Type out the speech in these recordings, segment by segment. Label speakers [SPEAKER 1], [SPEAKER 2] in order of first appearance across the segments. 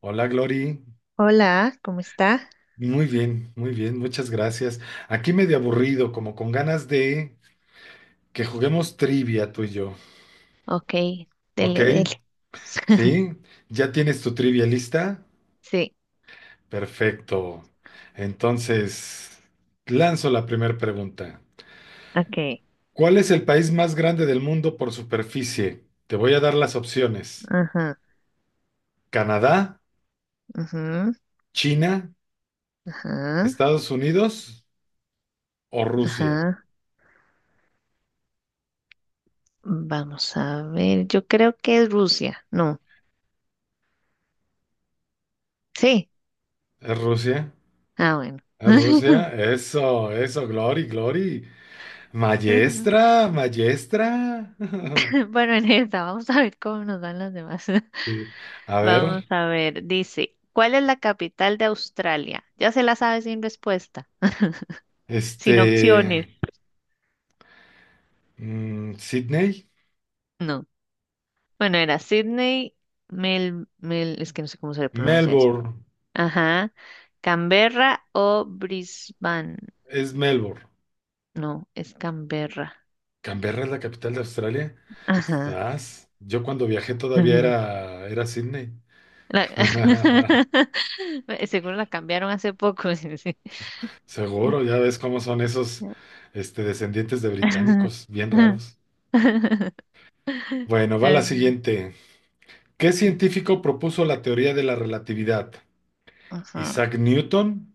[SPEAKER 1] Hola, Glory.
[SPEAKER 2] Hola, ¿cómo está?
[SPEAKER 1] Muy bien, muchas gracias. Aquí medio aburrido, como con ganas de que juguemos trivia tú y yo.
[SPEAKER 2] Ok,
[SPEAKER 1] ¿Ok?
[SPEAKER 2] dele, dele.
[SPEAKER 1] ¿Sí? ¿Ya tienes tu trivia lista?
[SPEAKER 2] Sí,
[SPEAKER 1] Perfecto. Entonces, lanzo la primera pregunta.
[SPEAKER 2] Ok,
[SPEAKER 1] ¿Cuál es el país más grande del mundo por superficie? Te voy a dar las opciones.
[SPEAKER 2] ajá,
[SPEAKER 1] ¿Canadá,
[SPEAKER 2] ajá,
[SPEAKER 1] China,
[SPEAKER 2] ajá,
[SPEAKER 1] Estados Unidos o Rusia?
[SPEAKER 2] ajá. Vamos a ver. Yo creo que es Rusia. No. Sí.
[SPEAKER 1] ¿Es Rusia?
[SPEAKER 2] Ah, bueno.
[SPEAKER 1] ¿Es Rusia? Eso, Glory, Glory. Maestra, maestra.
[SPEAKER 2] Bueno, en esta, vamos a ver cómo nos dan las demás.
[SPEAKER 1] Sí. A
[SPEAKER 2] Vamos
[SPEAKER 1] ver,
[SPEAKER 2] a ver. Dice, ¿cuál es la capital de Australia? Ya se la sabe sin respuesta, sin
[SPEAKER 1] este,
[SPEAKER 2] opciones.
[SPEAKER 1] Sydney,
[SPEAKER 2] No. Bueno, era Sydney, Mel, es que no sé cómo se le pronuncia eso.
[SPEAKER 1] Melbourne,
[SPEAKER 2] Ajá. ¿Canberra o Brisbane?
[SPEAKER 1] es Melbourne.
[SPEAKER 2] No, es Canberra.
[SPEAKER 1] Canberra es la capital de Australia.
[SPEAKER 2] Ajá.
[SPEAKER 1] Estás. Yo cuando viajé todavía
[SPEAKER 2] Ujú.
[SPEAKER 1] era Sydney.
[SPEAKER 2] La- Seguro la cambiaron hace poco. Sí, sí.
[SPEAKER 1] Seguro, ya ves cómo son esos, descendientes de británicos, bien raros. Bueno, va la
[SPEAKER 2] Ok.
[SPEAKER 1] siguiente. ¿Qué científico propuso la teoría de la relatividad?
[SPEAKER 2] Ajá.
[SPEAKER 1] ¿Isaac Newton?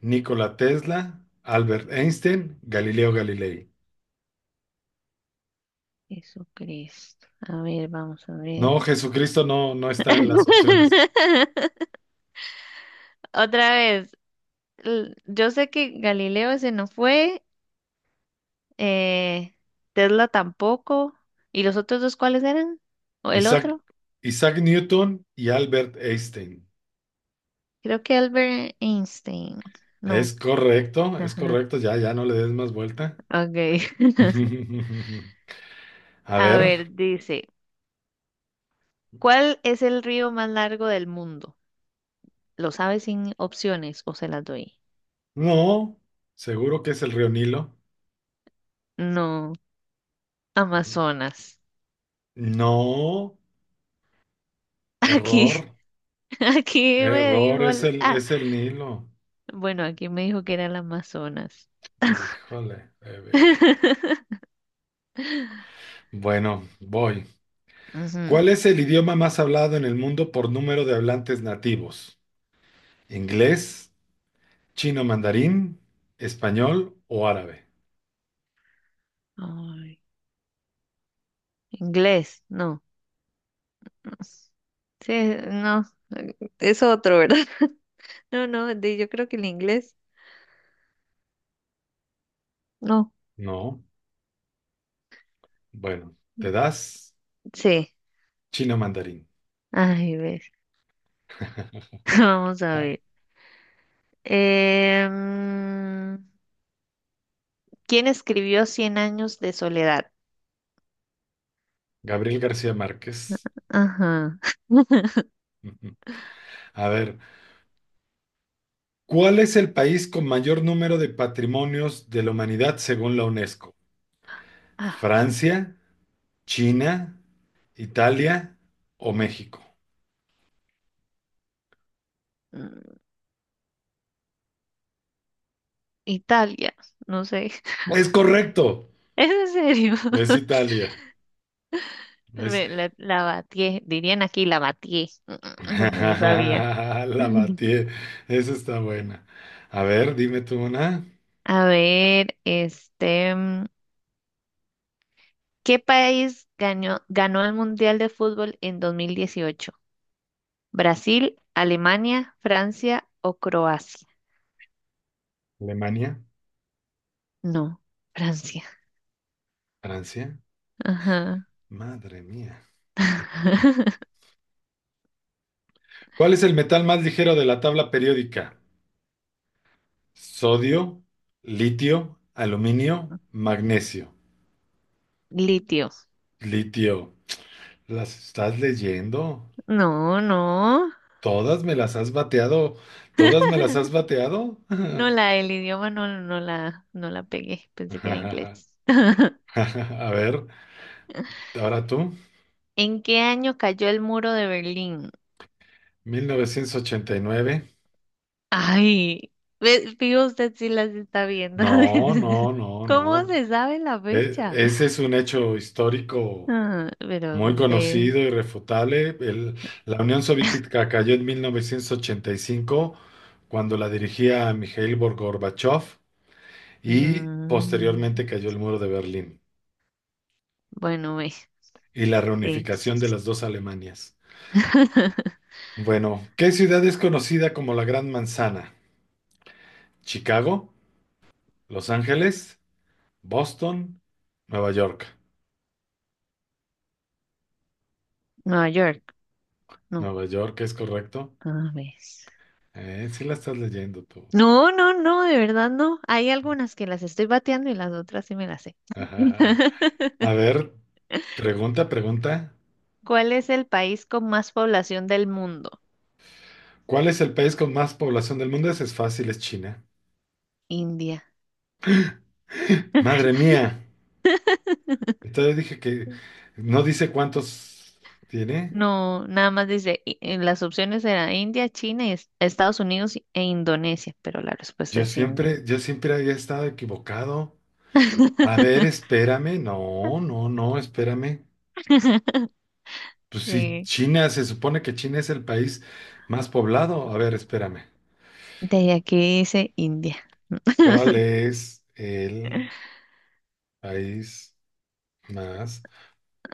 [SPEAKER 1] Nikola Tesla, Albert Einstein, Galileo Galilei.
[SPEAKER 2] Jesucristo. A ver, vamos a ver.
[SPEAKER 1] No, Jesucristo no, no está en las opciones.
[SPEAKER 2] Otra vez. Yo sé que Galileo ese no fue. eh, Tesla tampoco. ¿Y los otros dos cuáles eran? ¿O el
[SPEAKER 1] Isaac,
[SPEAKER 2] otro?
[SPEAKER 1] Isaac Newton y Albert Einstein.
[SPEAKER 2] Creo que Albert Einstein. No.
[SPEAKER 1] Es
[SPEAKER 2] Ajá.
[SPEAKER 1] correcto, ya, ya no le des más vuelta.
[SPEAKER 2] Ok.
[SPEAKER 1] A
[SPEAKER 2] A
[SPEAKER 1] ver,
[SPEAKER 2] ver, dice, ¿cuál es el río más largo del mundo? ¿Lo sabes sin opciones o se las doy?
[SPEAKER 1] no, seguro que es el río Nilo.
[SPEAKER 2] No, Amazonas.
[SPEAKER 1] No,
[SPEAKER 2] Aquí,
[SPEAKER 1] error,
[SPEAKER 2] aquí me
[SPEAKER 1] error,
[SPEAKER 2] dijo
[SPEAKER 1] es
[SPEAKER 2] el-
[SPEAKER 1] el,
[SPEAKER 2] ah,
[SPEAKER 1] es el Nilo.
[SPEAKER 2] bueno, aquí me dijo que era el Amazonas.
[SPEAKER 1] Híjole, de veras. Bueno, voy.
[SPEAKER 2] Ujú.
[SPEAKER 1] ¿Cuál es el idioma más hablado en el mundo por número de hablantes nativos? ¿Inglés, chino mandarín, español o árabe?
[SPEAKER 2] Ay, inglés, no. Sí, no, ¿es otro, verdad? No, yo creo que el inglés, no,
[SPEAKER 1] No, bueno, te das
[SPEAKER 2] sí.
[SPEAKER 1] chino mandarín.
[SPEAKER 2] Ay, ves, vamos a
[SPEAKER 1] Ah,
[SPEAKER 2] ver. Em, ¿Quién escribió Cien años de soledad?
[SPEAKER 1] Gabriel García Márquez.
[SPEAKER 2] Ajá.
[SPEAKER 1] A ver, ¿cuál es el país con mayor número de patrimonios de la humanidad según la UNESCO?
[SPEAKER 2] Ah,
[SPEAKER 1] ¿Francia, China, Italia o México?
[SPEAKER 2] mm, Italia, no sé.
[SPEAKER 1] Es correcto,
[SPEAKER 2] ¿Es en serio?
[SPEAKER 1] es Italia. Es
[SPEAKER 2] La batié, dirían aquí la batié, porque no sabía.
[SPEAKER 1] La batí. Esa está buena. A ver, dime tú una.
[SPEAKER 2] A ver, este. ¿Qué país ganó el Mundial de Fútbol en 2018? ¿Brasil, Alemania, Francia o Croacia?
[SPEAKER 1] Alemania,
[SPEAKER 2] No, Francia.
[SPEAKER 1] Francia.
[SPEAKER 2] Ajá.
[SPEAKER 1] Madre mía. ¿Cuál es el metal más ligero de la tabla periódica? Sodio, litio, aluminio, magnesio.
[SPEAKER 2] Litio.
[SPEAKER 1] Litio. ¿Las estás leyendo?
[SPEAKER 2] No, no.
[SPEAKER 1] ¿Todas me las has bateado? ¿Todas me las has bateado?
[SPEAKER 2] No, la del idioma no la pegué. Pensé que era
[SPEAKER 1] A
[SPEAKER 2] inglés.
[SPEAKER 1] ver, ahora tú.
[SPEAKER 2] ¿En qué año cayó el muro de Berlín?
[SPEAKER 1] 1989.
[SPEAKER 2] Ay, fijo usted si las está viendo.
[SPEAKER 1] No, no, no,
[SPEAKER 2] ¿Cómo
[SPEAKER 1] no.
[SPEAKER 2] se sabe la fecha?
[SPEAKER 1] Ese es un hecho histórico
[SPEAKER 2] Ah, pero
[SPEAKER 1] muy
[SPEAKER 2] de.
[SPEAKER 1] conocido, irrefutable. La Unión Soviética cayó en 1985 cuando la dirigía Mikhail Gorbachev y
[SPEAKER 2] Mm,
[SPEAKER 1] posteriormente cayó el muro de Berlín
[SPEAKER 2] bueno, ves.
[SPEAKER 1] y la
[SPEAKER 2] Sí.
[SPEAKER 1] reunificación de las dos Alemanias. Bueno, ¿qué ciudad es conocida como la Gran Manzana? Chicago, Los Ángeles, Boston, Nueva York.
[SPEAKER 2] Nueva York. No.
[SPEAKER 1] Nueva York es correcto.
[SPEAKER 2] A ver.
[SPEAKER 1] Sí la estás leyendo tú.
[SPEAKER 2] No, no, no, de verdad no. Hay algunas que las estoy bateando y las otras sí me las sé.
[SPEAKER 1] A ver, pregunta, pregunta.
[SPEAKER 2] ¿Cuál es el país con más población del mundo?
[SPEAKER 1] ¿Cuál es el país con más población del mundo? Ese es fácil, es China.
[SPEAKER 2] India.
[SPEAKER 1] Madre mía. Entonces dije que no dice cuántos tiene.
[SPEAKER 2] No, nada más dice, en las opciones eran India, China, y Estados Unidos e Indonesia, pero la respuesta es India.
[SPEAKER 1] Yo siempre había estado equivocado. A ver, espérame. No, no, no, espérame. Pues sí,
[SPEAKER 2] Sí,
[SPEAKER 1] China, se supone que China es el país más poblado. A ver, espérame.
[SPEAKER 2] de aquí dice India.
[SPEAKER 1] ¿Cuál es el país más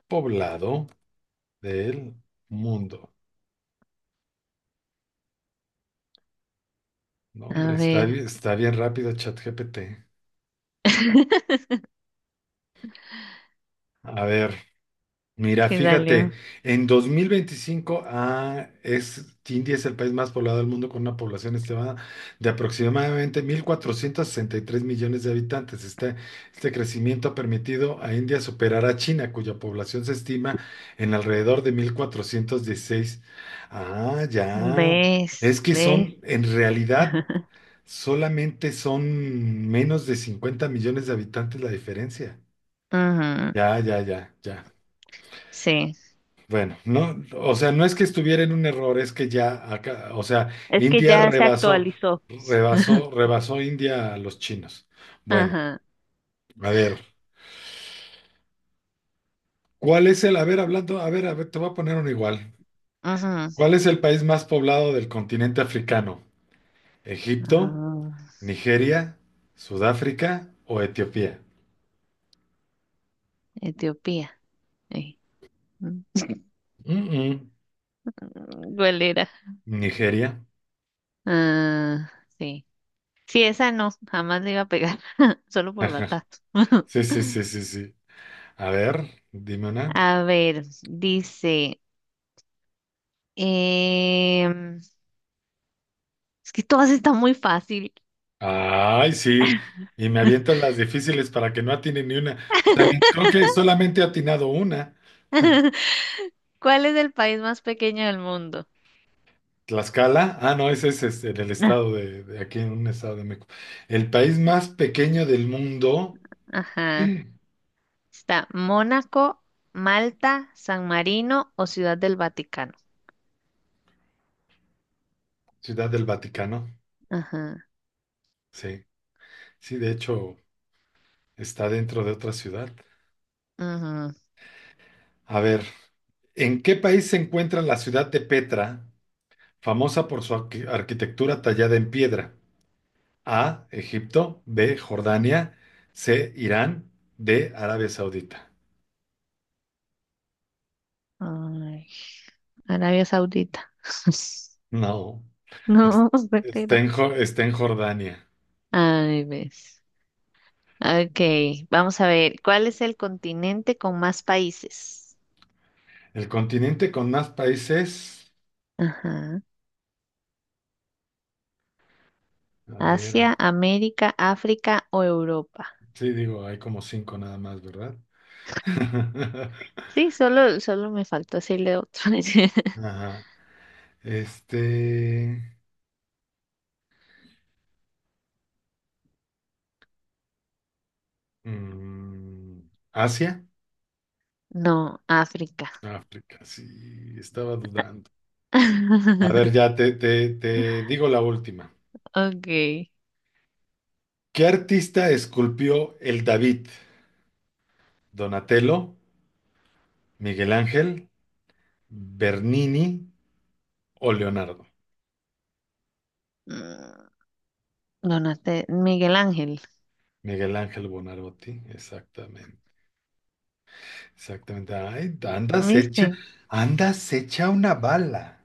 [SPEAKER 1] poblado del mundo? No,
[SPEAKER 2] A
[SPEAKER 1] hombre, está,
[SPEAKER 2] ver,
[SPEAKER 1] está bien rápido ChatGPT. A ver, mira,
[SPEAKER 2] ¿qué
[SPEAKER 1] fíjate,
[SPEAKER 2] salió?
[SPEAKER 1] en 2025 ah, es, India es el país más poblado del mundo con una población estimada de aproximadamente 1463 millones de habitantes. Este crecimiento ha permitido a India superar a China, cuya población se estima en alrededor de 1416. Ah, ya.
[SPEAKER 2] ¿Ves?
[SPEAKER 1] Es que son,
[SPEAKER 2] ¿Ves?
[SPEAKER 1] en realidad, solamente son menos de 50 millones de habitantes la diferencia.
[SPEAKER 2] Ujú,
[SPEAKER 1] Ya, ya, ya, ya.
[SPEAKER 2] sí,
[SPEAKER 1] Bueno, no, o sea, no es que estuviera en un error, es que ya acá, o sea,
[SPEAKER 2] es que
[SPEAKER 1] India
[SPEAKER 2] ya se
[SPEAKER 1] rebasó,
[SPEAKER 2] actualizó.
[SPEAKER 1] rebasó, rebasó India a los chinos. Bueno,
[SPEAKER 2] Ajá,
[SPEAKER 1] a ver, a ver, hablando, a ver, te voy a poner uno igual.
[SPEAKER 2] ajá,
[SPEAKER 1] ¿Cuál es el país más poblado del continente africano? ¿Egipto,
[SPEAKER 2] ajá.
[SPEAKER 1] Nigeria, Sudáfrica o Etiopía?
[SPEAKER 2] Etiopía. eh, mm,
[SPEAKER 1] Mm, mm.
[SPEAKER 2] ¿Cuál era?
[SPEAKER 1] Nigeria.
[SPEAKER 2] Ah, sí. Sí, esa no, jamás le iba a pegar, solo por batazo.
[SPEAKER 1] Sí, sí, sí, sí, sí. A ver, dime una.
[SPEAKER 2] A ver, dice, em, es que todas están muy fácil.
[SPEAKER 1] Ay, sí. Y me avientas las difíciles para que no atine ni una. O sea, creo que solamente he atinado una.
[SPEAKER 2] ¿Cuál es el país más pequeño del mundo?
[SPEAKER 1] Tlaxcala. Ah, no, ese es este, en el estado de aquí en un estado de México. El país más pequeño del mundo,
[SPEAKER 2] Ajá. Está Mónaco, Malta, San Marino o Ciudad del Vaticano.
[SPEAKER 1] Ciudad del Vaticano.
[SPEAKER 2] Ajá.
[SPEAKER 1] Sí, sí, de hecho, está dentro de otra ciudad.
[SPEAKER 2] Ajá.
[SPEAKER 1] A ver, ¿en qué país se encuentra la ciudad de Petra, famosa por su arquitectura tallada en piedra? A. Egipto. B. Jordania. C. Irán. D. Arabia Saudita.
[SPEAKER 2] Ay, Arabia Saudita.
[SPEAKER 1] No, es-
[SPEAKER 2] No,
[SPEAKER 1] está
[SPEAKER 2] espera.
[SPEAKER 1] en, Jo- está en Jordania.
[SPEAKER 2] Ay, ves. Ok, vamos a ver. ¿Cuál es el continente con más países?
[SPEAKER 1] El continente con más países.
[SPEAKER 2] Ajá.
[SPEAKER 1] A ver,
[SPEAKER 2] Asia, América, África o Europa.
[SPEAKER 1] sí, digo, hay como cinco nada más, ¿verdad?
[SPEAKER 2] Sí, solo me faltó decirle otro.
[SPEAKER 1] Ajá. Este. mm, Asia.
[SPEAKER 2] No, África.
[SPEAKER 1] África, sí, estaba dudando. A ver, ya te digo la última.
[SPEAKER 2] Ok.
[SPEAKER 1] ¿Qué artista esculpió el David? ¿Donatello? Miguel Ángel, Bernini o Leonardo.
[SPEAKER 2] Mm, Donaste Miguel Ángel.
[SPEAKER 1] Miguel Ángel Buonarroti, exactamente, exactamente. Ay,
[SPEAKER 2] ¿Viste?
[SPEAKER 1] andas hecha una bala,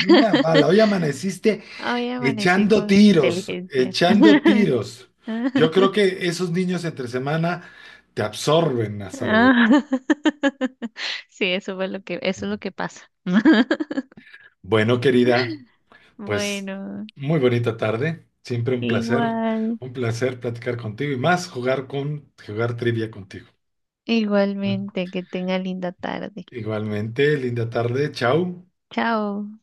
[SPEAKER 1] una bala. Hoy amaneciste
[SPEAKER 2] Hoy amanecí
[SPEAKER 1] echando
[SPEAKER 2] con
[SPEAKER 1] tiros,
[SPEAKER 2] inteligencia.
[SPEAKER 1] echando tiros. Yo creo que esos niños entre semana te absorben hasta la energía.
[SPEAKER 2] Ah, Sí, eso es lo que pasa.
[SPEAKER 1] Bueno, querida, pues
[SPEAKER 2] Bueno,
[SPEAKER 1] muy bonita tarde, siempre
[SPEAKER 2] igual,
[SPEAKER 1] un placer platicar contigo y más jugar trivia contigo.
[SPEAKER 2] igualmente, que tenga linda tarde.
[SPEAKER 1] Igualmente, linda tarde, chao.
[SPEAKER 2] Chao.